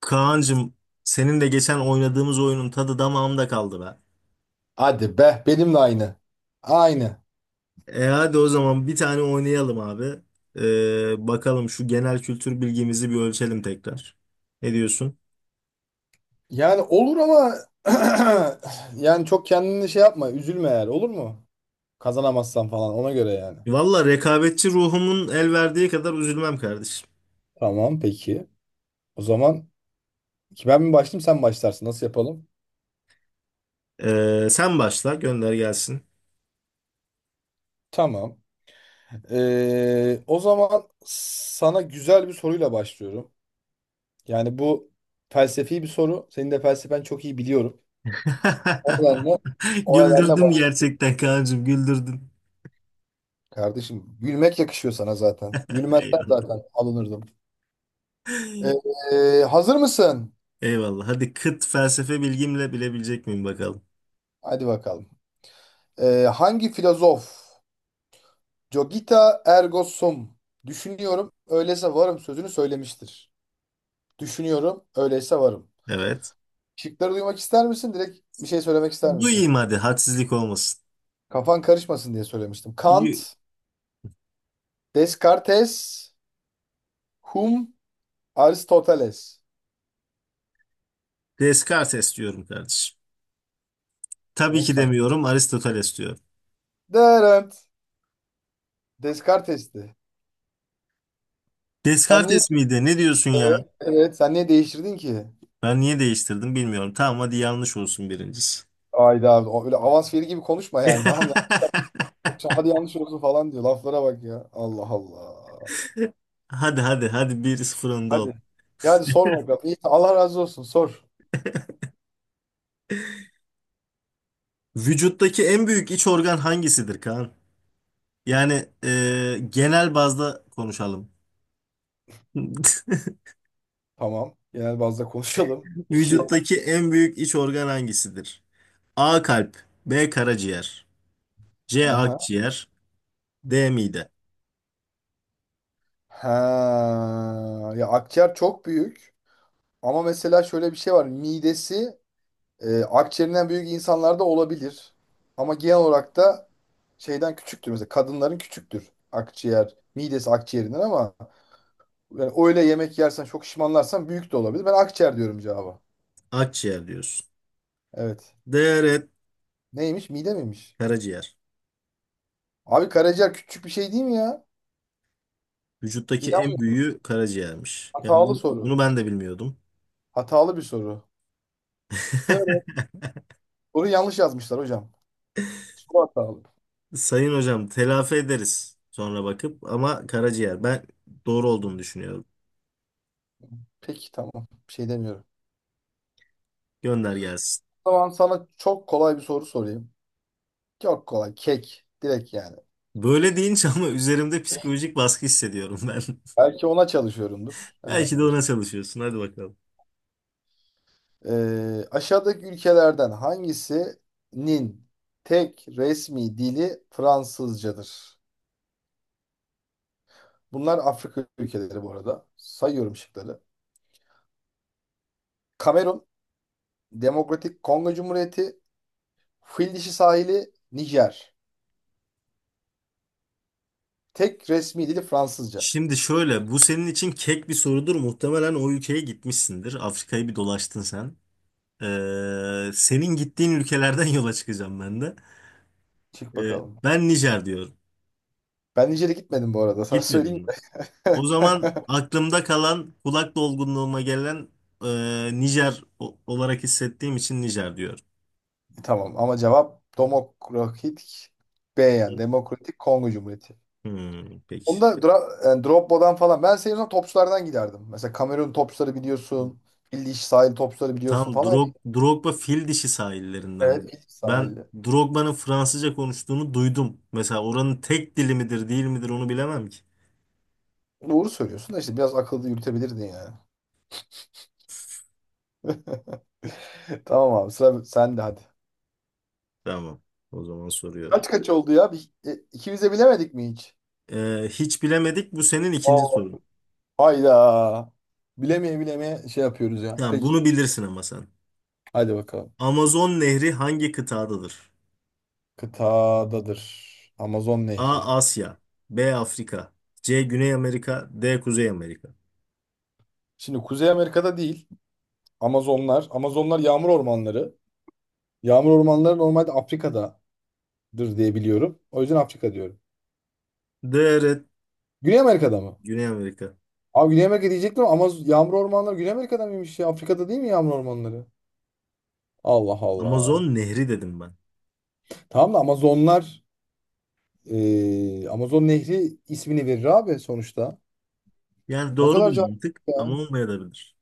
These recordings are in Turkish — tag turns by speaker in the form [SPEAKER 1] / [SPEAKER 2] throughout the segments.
[SPEAKER 1] Kaan'cığım senin de geçen oynadığımız oyunun tadı damağımda kaldı be.
[SPEAKER 2] Hadi be benimle aynı. Aynı.
[SPEAKER 1] E hadi o zaman bir tane oynayalım abi. Bakalım şu genel kültür bilgimizi bir ölçelim tekrar. Ne diyorsun?
[SPEAKER 2] Yani olur ama yani çok kendini şey yapma üzülme yani olur mu? Kazanamazsan falan ona göre yani.
[SPEAKER 1] Valla rekabetçi ruhumun el verdiği kadar üzülmem kardeşim.
[SPEAKER 2] Tamam peki. O zaman ki ben mi başlayayım sen mi başlarsın nasıl yapalım?
[SPEAKER 1] Sen başla gönder gelsin.
[SPEAKER 2] Tamam. O zaman sana güzel bir soruyla başlıyorum. Yani bu felsefi bir soru. Senin de felsefen çok iyi biliyorum. O nedenle, o nedenle
[SPEAKER 1] Güldürdüm
[SPEAKER 2] baş.
[SPEAKER 1] gerçekten Kaan'cığım güldürdün.
[SPEAKER 2] Kardeşim gülmek yakışıyor sana zaten. Gülmezsen
[SPEAKER 1] Eyvallah.
[SPEAKER 2] zaten alınırdım. Ee, hazır mısın?
[SPEAKER 1] Eyvallah. Hadi kıt felsefe bilgimle bilebilecek miyim bakalım.
[SPEAKER 2] Hadi bakalım. Hangi filozof Cogita ergo sum düşünüyorum öyleyse varım sözünü söylemiştir. Düşünüyorum öyleyse varım.
[SPEAKER 1] Evet.
[SPEAKER 2] Şıkları duymak ister misin? Direkt bir şey söylemek ister misin?
[SPEAKER 1] Duyayım hadi hadsizlik olmasın.
[SPEAKER 2] Kafan karışmasın diye söylemiştim.
[SPEAKER 1] Y-
[SPEAKER 2] Kant, Descartes, Hume, Aristoteles.
[SPEAKER 1] Descartes diyorum kardeşim. Tabii
[SPEAKER 2] Oğlum
[SPEAKER 1] ki
[SPEAKER 2] sen.
[SPEAKER 1] demiyorum, Aristoteles diyorum.
[SPEAKER 2] Dırınt. Descartes'ti. Sen niye
[SPEAKER 1] Descartes miydi? Ne diyorsun ya?
[SPEAKER 2] Evet. Evet, sen niye değiştirdin ki?
[SPEAKER 1] Ben niye değiştirdim bilmiyorum. Tamam hadi yanlış olsun birincisi.
[SPEAKER 2] Ayda abi, o öyle avans veri gibi konuşma yani tamam ya. İşte hadi yanlış olsun falan diyor. Laflara bak ya. Allah Allah.
[SPEAKER 1] Hadi hadi hadi 1-0 önde ol.
[SPEAKER 2] Hadi. Ya hadi sor bakalım. İyi, tamam. Allah razı olsun. Sor.
[SPEAKER 1] Vücuttaki en büyük iç organ hangisidir Kaan? Yani genel bazda konuşalım.
[SPEAKER 2] Tamam. Genel bazda konuşalım. İki.
[SPEAKER 1] Vücuttaki en büyük iç organ hangisidir? A kalp, B karaciğer, C
[SPEAKER 2] Aha.
[SPEAKER 1] akciğer, D mide.
[SPEAKER 2] Ha. Ya akciğer çok büyük. Ama mesela şöyle bir şey var. Midesi akciğerinden büyük insanlarda olabilir. Ama genel olarak da şeyden küçüktür. Mesela kadınların küçüktür akciğer. Midesi akciğerinden ama yani öyle yemek yersen çok şişmanlarsan büyük de olabilir. Ben akciğer diyorum cevaba.
[SPEAKER 1] Akciğer diyorsun.
[SPEAKER 2] Evet.
[SPEAKER 1] D red
[SPEAKER 2] Neymiş? Mide miymiş?
[SPEAKER 1] karaciğer.
[SPEAKER 2] Abi karaciğer küçük bir şey değil mi ya?
[SPEAKER 1] Vücuttaki en
[SPEAKER 2] İnanmıyorum.
[SPEAKER 1] büyüğü karaciğermiş. Yani
[SPEAKER 2] Hatalı
[SPEAKER 1] bu,
[SPEAKER 2] soru.
[SPEAKER 1] bunu ben de bilmiyordum.
[SPEAKER 2] Hatalı bir soru. Doğru. Soruyu yanlış yazmışlar hocam. Soru hatalı.
[SPEAKER 1] Sayın hocam telafi ederiz sonra bakıp ama karaciğer ben doğru olduğunu düşünüyorum.
[SPEAKER 2] Peki tamam. Bir şey demiyorum.
[SPEAKER 1] Gönder gelsin.
[SPEAKER 2] O zaman sana çok kolay bir soru sorayım. Çok kolay. Kek. Direkt yani.
[SPEAKER 1] Böyle deyince ama üzerimde psikolojik baskı hissediyorum ben.
[SPEAKER 2] Belki ona çalışıyorumdur. Nereden
[SPEAKER 1] Belki de
[SPEAKER 2] biliyorsun?
[SPEAKER 1] ona çalışıyorsun. Hadi bakalım.
[SPEAKER 2] Aşağıdaki ülkelerden hangisinin tek resmi dili Fransızcadır? Bunlar Afrika ülkeleri bu arada. Sayıyorum şıkları. Kamerun, Demokratik Kongo Cumhuriyeti, Fil Dişi Sahili, Nijer. Tek resmi dili Fransızca.
[SPEAKER 1] Şimdi şöyle bu senin için kek bir sorudur. Muhtemelen o ülkeye gitmişsindir. Afrika'yı bir dolaştın sen. Senin gittiğin ülkelerden yola çıkacağım ben de.
[SPEAKER 2] Çık bakalım.
[SPEAKER 1] Ben Nijer diyorum.
[SPEAKER 2] Ben Nijer'e gitmedim bu arada. Sana
[SPEAKER 1] Gitmedin
[SPEAKER 2] söyleyeyim
[SPEAKER 1] mi? O zaman aklımda kalan kulak dolgunluğuma gelen Nijer olarak hissettiğim için Nijer diyor.
[SPEAKER 2] de. Tamam ama cevap Demokratik B yani Demokratik Kongo Cumhuriyeti.
[SPEAKER 1] Hmm, peki.
[SPEAKER 2] Onda yani Drogba'dan falan. Ben senin olsam topçulardan giderdim. Mesela Kamerun topçuları biliyorsun. Fil Dişi Sahili topçuları biliyorsun
[SPEAKER 1] Tam
[SPEAKER 2] falan.
[SPEAKER 1] Drogba fil dişi
[SPEAKER 2] Evet,
[SPEAKER 1] sahillerinden.
[SPEAKER 2] Fil Dişi
[SPEAKER 1] Ben
[SPEAKER 2] Sahili.
[SPEAKER 1] Drogba'nın Fransızca konuştuğunu duydum. Mesela oranın tek dili midir değil midir onu bilemem ki.
[SPEAKER 2] Doğru söylüyorsun da işte biraz akıllı yürütebilirdin yani. Tamam abi sıra sen de hadi.
[SPEAKER 1] Tamam. O zaman soruyorum.
[SPEAKER 2] Kaç kaç oldu ya? İkimiz de bilemedik mi hiç?
[SPEAKER 1] Hiç bilemedik. Bu senin ikinci
[SPEAKER 2] Oo.
[SPEAKER 1] sorun.
[SPEAKER 2] Hayda. Bilemeye bilemeye şey yapıyoruz ya.
[SPEAKER 1] Tamam,
[SPEAKER 2] Peki.
[SPEAKER 1] bunu bilirsin ama sen.
[SPEAKER 2] Hadi bakalım.
[SPEAKER 1] Amazon Nehri hangi kıtadadır?
[SPEAKER 2] Kıtadadır. Amazon Nehri.
[SPEAKER 1] A. Asya B. Afrika C. Güney Amerika D. Kuzey Amerika
[SPEAKER 2] Şimdi Kuzey Amerika'da değil. Amazonlar. Amazonlar yağmur ormanları. Yağmur ormanları normalde Afrika'dadır diye biliyorum. O yüzden Afrika diyorum.
[SPEAKER 1] D. Evet,
[SPEAKER 2] Güney Amerika'da mı?
[SPEAKER 1] Güney Amerika
[SPEAKER 2] Abi Güney Amerika diyecektim ama yağmur ormanları Güney Amerika'da mıymış ya? Afrika'da değil mi yağmur ormanları? Allah Allah.
[SPEAKER 1] Amazon Nehri dedim ben.
[SPEAKER 2] Tamam da Amazonlar Amazon Nehri ismini verir abi sonuçta.
[SPEAKER 1] Yani
[SPEAKER 2] Ne
[SPEAKER 1] doğru
[SPEAKER 2] kadar
[SPEAKER 1] bir mantık ama
[SPEAKER 2] cahil.
[SPEAKER 1] olmayabilir.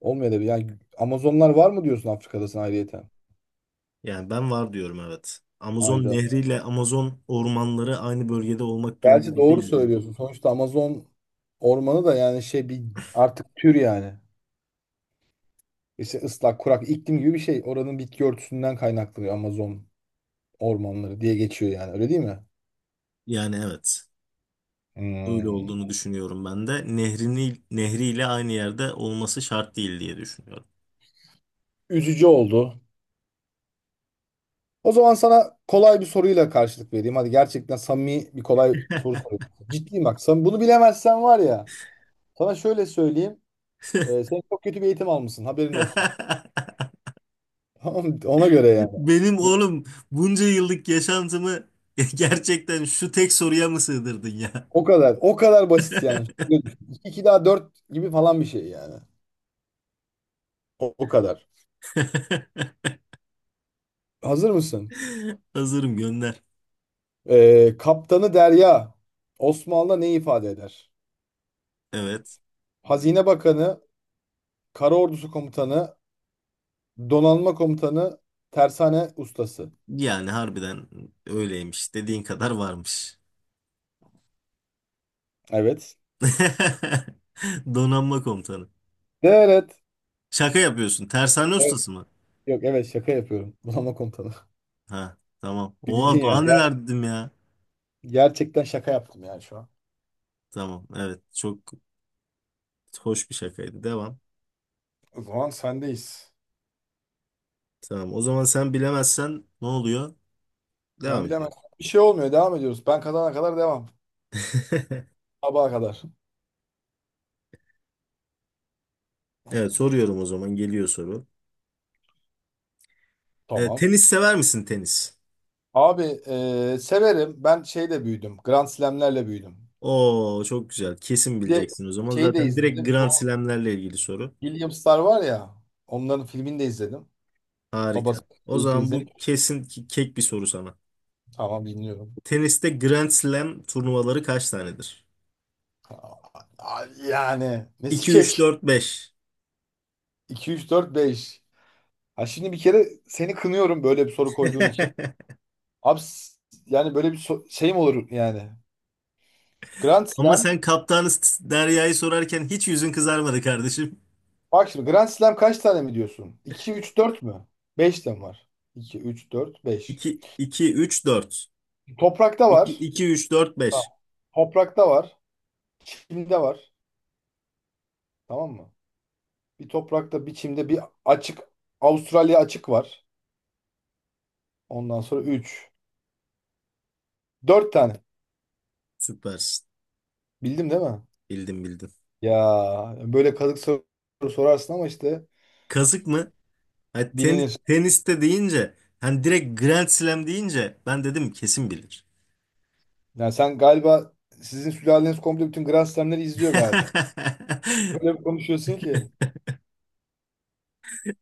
[SPEAKER 2] Olmuyor da yani Amazonlar var mı diyorsun Afrika'dasın ayrıyeten?
[SPEAKER 1] Yani ben var diyorum, evet. Amazon
[SPEAKER 2] Ayda.
[SPEAKER 1] Nehri ile Amazon ormanları aynı bölgede olmak
[SPEAKER 2] Gerçi
[SPEAKER 1] durumunda
[SPEAKER 2] doğru
[SPEAKER 1] değil diyorum.
[SPEAKER 2] söylüyorsun. Sonuçta Amazon ormanı da yani şey bir artık tür yani. İşte ıslak, kurak iklim gibi bir şey. Oranın bitki örtüsünden kaynaklanıyor Amazon ormanları diye geçiyor yani. Öyle değil mi?
[SPEAKER 1] Yani evet. Öyle
[SPEAKER 2] Hmm.
[SPEAKER 1] olduğunu düşünüyorum ben de. Nehrini, nehriyle aynı yerde olması şart değil diye düşünüyorum.
[SPEAKER 2] Üzücü oldu. O zaman sana kolay bir soruyla karşılık vereyim. Hadi gerçekten samimi bir kolay soru sorayım. Ciddiyim bak. Sen bunu bilemezsen var ya. Sana şöyle söyleyeyim. Sen çok kötü bir eğitim almışsın. Haberin olsun. Tamam, ona göre yani.
[SPEAKER 1] Benim oğlum bunca yıllık yaşantımı gerçekten şu tek soruya mı sığdırdın ya?
[SPEAKER 2] O kadar. O kadar basit yani. İki daha 4 gibi falan bir şey yani. O kadar. Hazır mısın?
[SPEAKER 1] Hazırım gönder.
[SPEAKER 2] Kaptanı Derya Osmanlı'da ne ifade eder?
[SPEAKER 1] Evet.
[SPEAKER 2] Hazine Bakanı, Kara Ordusu Komutanı, Donanma Komutanı, Tersane Ustası.
[SPEAKER 1] Yani harbiden öyleymiş. Dediğin kadar varmış.
[SPEAKER 2] Evet.
[SPEAKER 1] Donanma komutanı.
[SPEAKER 2] Evet.
[SPEAKER 1] Şaka yapıyorsun. Tersane
[SPEAKER 2] Evet.
[SPEAKER 1] ustası mı?
[SPEAKER 2] Yok evet şaka yapıyorum. Donanma Komutanı.
[SPEAKER 1] Ha, tamam. Oha
[SPEAKER 2] Bildin ya.
[SPEAKER 1] daha neler dedim ya.
[SPEAKER 2] Gerçekten şaka yaptım yani şu an.
[SPEAKER 1] Tamam. Evet. Çok hoş bir şakaydı. Devam.
[SPEAKER 2] O zaman sendeyiz.
[SPEAKER 1] Tamam. O zaman sen bilemezsen ne oluyor?
[SPEAKER 2] Ben
[SPEAKER 1] Devam
[SPEAKER 2] bilemem.
[SPEAKER 1] ediyorum.
[SPEAKER 2] Bir şey olmuyor. Devam ediyoruz. Ben kazana kadar devam. Sabaha kadar.
[SPEAKER 1] Evet, soruyorum o zaman, geliyor soru. E,
[SPEAKER 2] Tamam.
[SPEAKER 1] tenis sever misin tenis?
[SPEAKER 2] Abi severim. Ben şeyle büyüdüm. Grand Slam'lerle büyüdüm.
[SPEAKER 1] Oo çok güzel. Kesin
[SPEAKER 2] Bir de
[SPEAKER 1] bileceksin o zaman.
[SPEAKER 2] şeyi de
[SPEAKER 1] Zaten direkt
[SPEAKER 2] izledim. Bu
[SPEAKER 1] Grand Slam'lerle ilgili soru.
[SPEAKER 2] Williams'lar var ya. Onların filmini de izledim. Babası
[SPEAKER 1] Harika. O
[SPEAKER 2] Eğitim'i
[SPEAKER 1] zaman bu
[SPEAKER 2] izlemiş.
[SPEAKER 1] kesin ki kek bir soru sana.
[SPEAKER 2] Tamam dinliyorum.
[SPEAKER 1] Teniste Grand Slam turnuvaları kaç tanedir?
[SPEAKER 2] Aa, yani nesi
[SPEAKER 1] 2, üç
[SPEAKER 2] kek?
[SPEAKER 1] dört beş.
[SPEAKER 2] 2, 3, 4, 5. Ha şimdi bir kere seni kınıyorum böyle bir soru koyduğun için. Abi yani böyle bir şey mi olur yani? Grand
[SPEAKER 1] Ama
[SPEAKER 2] Slam.
[SPEAKER 1] sen kaptanı Derya'yı sorarken hiç yüzün kızarmadı kardeşim.
[SPEAKER 2] Bak şimdi Grand Slam kaç tane mi diyorsun? 2, 3, 4 mü? 5 de mi var? 2, 3, 4, 5.
[SPEAKER 1] 2, iki üç dört
[SPEAKER 2] Toprakta var.
[SPEAKER 1] iki üç dört
[SPEAKER 2] Ha.
[SPEAKER 1] beş.
[SPEAKER 2] Toprakta var. Çimde var. Tamam mı? Bir toprakta, bir çimde, bir açık. Avustralya açık var. Ondan sonra 3, 4 tane.
[SPEAKER 1] Süpersin.
[SPEAKER 2] Bildim değil mi?
[SPEAKER 1] Bildim bildim.
[SPEAKER 2] Ya böyle kazık soru sorarsın ama işte
[SPEAKER 1] Kazık mı? Hani
[SPEAKER 2] bilinir.
[SPEAKER 1] teniste deyince hani direkt Grand Slam deyince ben dedim kesin bilir.
[SPEAKER 2] Yani sen galiba sizin sülaleniz komple bütün Grand Slam'leri izliyor galiba. Öyle bir konuşuyorsun ki.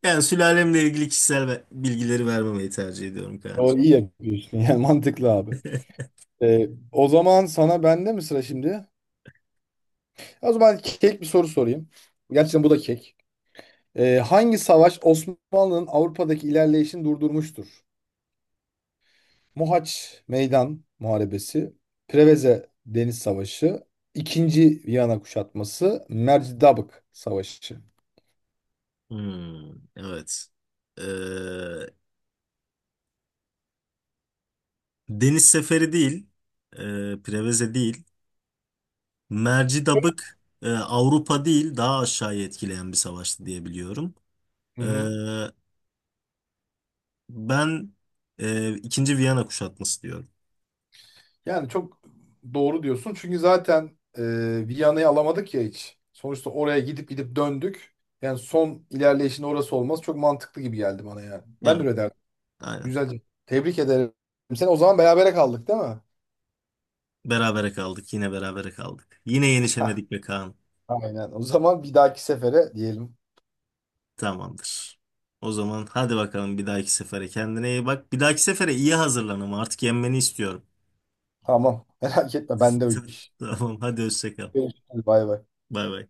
[SPEAKER 1] Yani sülalemle ilgili kişisel bilgileri vermemeyi tercih ediyorum
[SPEAKER 2] O
[SPEAKER 1] Kaan'cığım.
[SPEAKER 2] iyi yapıyorsun. Yani mantıklı abi. O zaman sana bende mi sıra şimdi? O zaman kek bir soru sorayım. Gerçekten bu da kek. Hangi savaş Osmanlı'nın Avrupa'daki ilerleyişini durdurmuştur? Mohaç Meydan Muharebesi, Preveze Deniz Savaşı, İkinci Viyana Kuşatması, Mercidabık Savaşı.
[SPEAKER 1] Hmm, evet. Ee, Deniz Seferi değil. Preveze değil. Mercidabık Avrupa değil daha aşağıya etkileyen bir savaştı diye biliyorum.
[SPEAKER 2] Hı
[SPEAKER 1] Ee,
[SPEAKER 2] hı.
[SPEAKER 1] Ben ikinci Viyana kuşatması diyorum.
[SPEAKER 2] Yani çok doğru diyorsun. Çünkü zaten Viyana'yı alamadık ya hiç. Sonuçta oraya gidip gidip döndük. Yani son ilerleyişin orası olması çok mantıklı gibi geldi bana yani. Ben de öyle
[SPEAKER 1] Evet,
[SPEAKER 2] derdim.
[SPEAKER 1] aynen.
[SPEAKER 2] Güzelce. Tebrik ederim. Sen o zaman berabere kaldık değil mi?
[SPEAKER 1] Berabere kaldık. Yine berabere kaldık. Yine yenişemedik be Kaan.
[SPEAKER 2] Aynen. O zaman bir dahaki sefere diyelim.
[SPEAKER 1] Tamamdır. O zaman hadi bakalım bir dahaki sefere kendine iyi bak. Bir dahaki sefere iyi hazırlan ama artık yenmeni istiyorum.
[SPEAKER 2] Tamam. Merak etme. Ben de o iş.
[SPEAKER 1] Tamam hadi hoşça kal.
[SPEAKER 2] Görüşürüz. Bay bay.
[SPEAKER 1] Bay bay.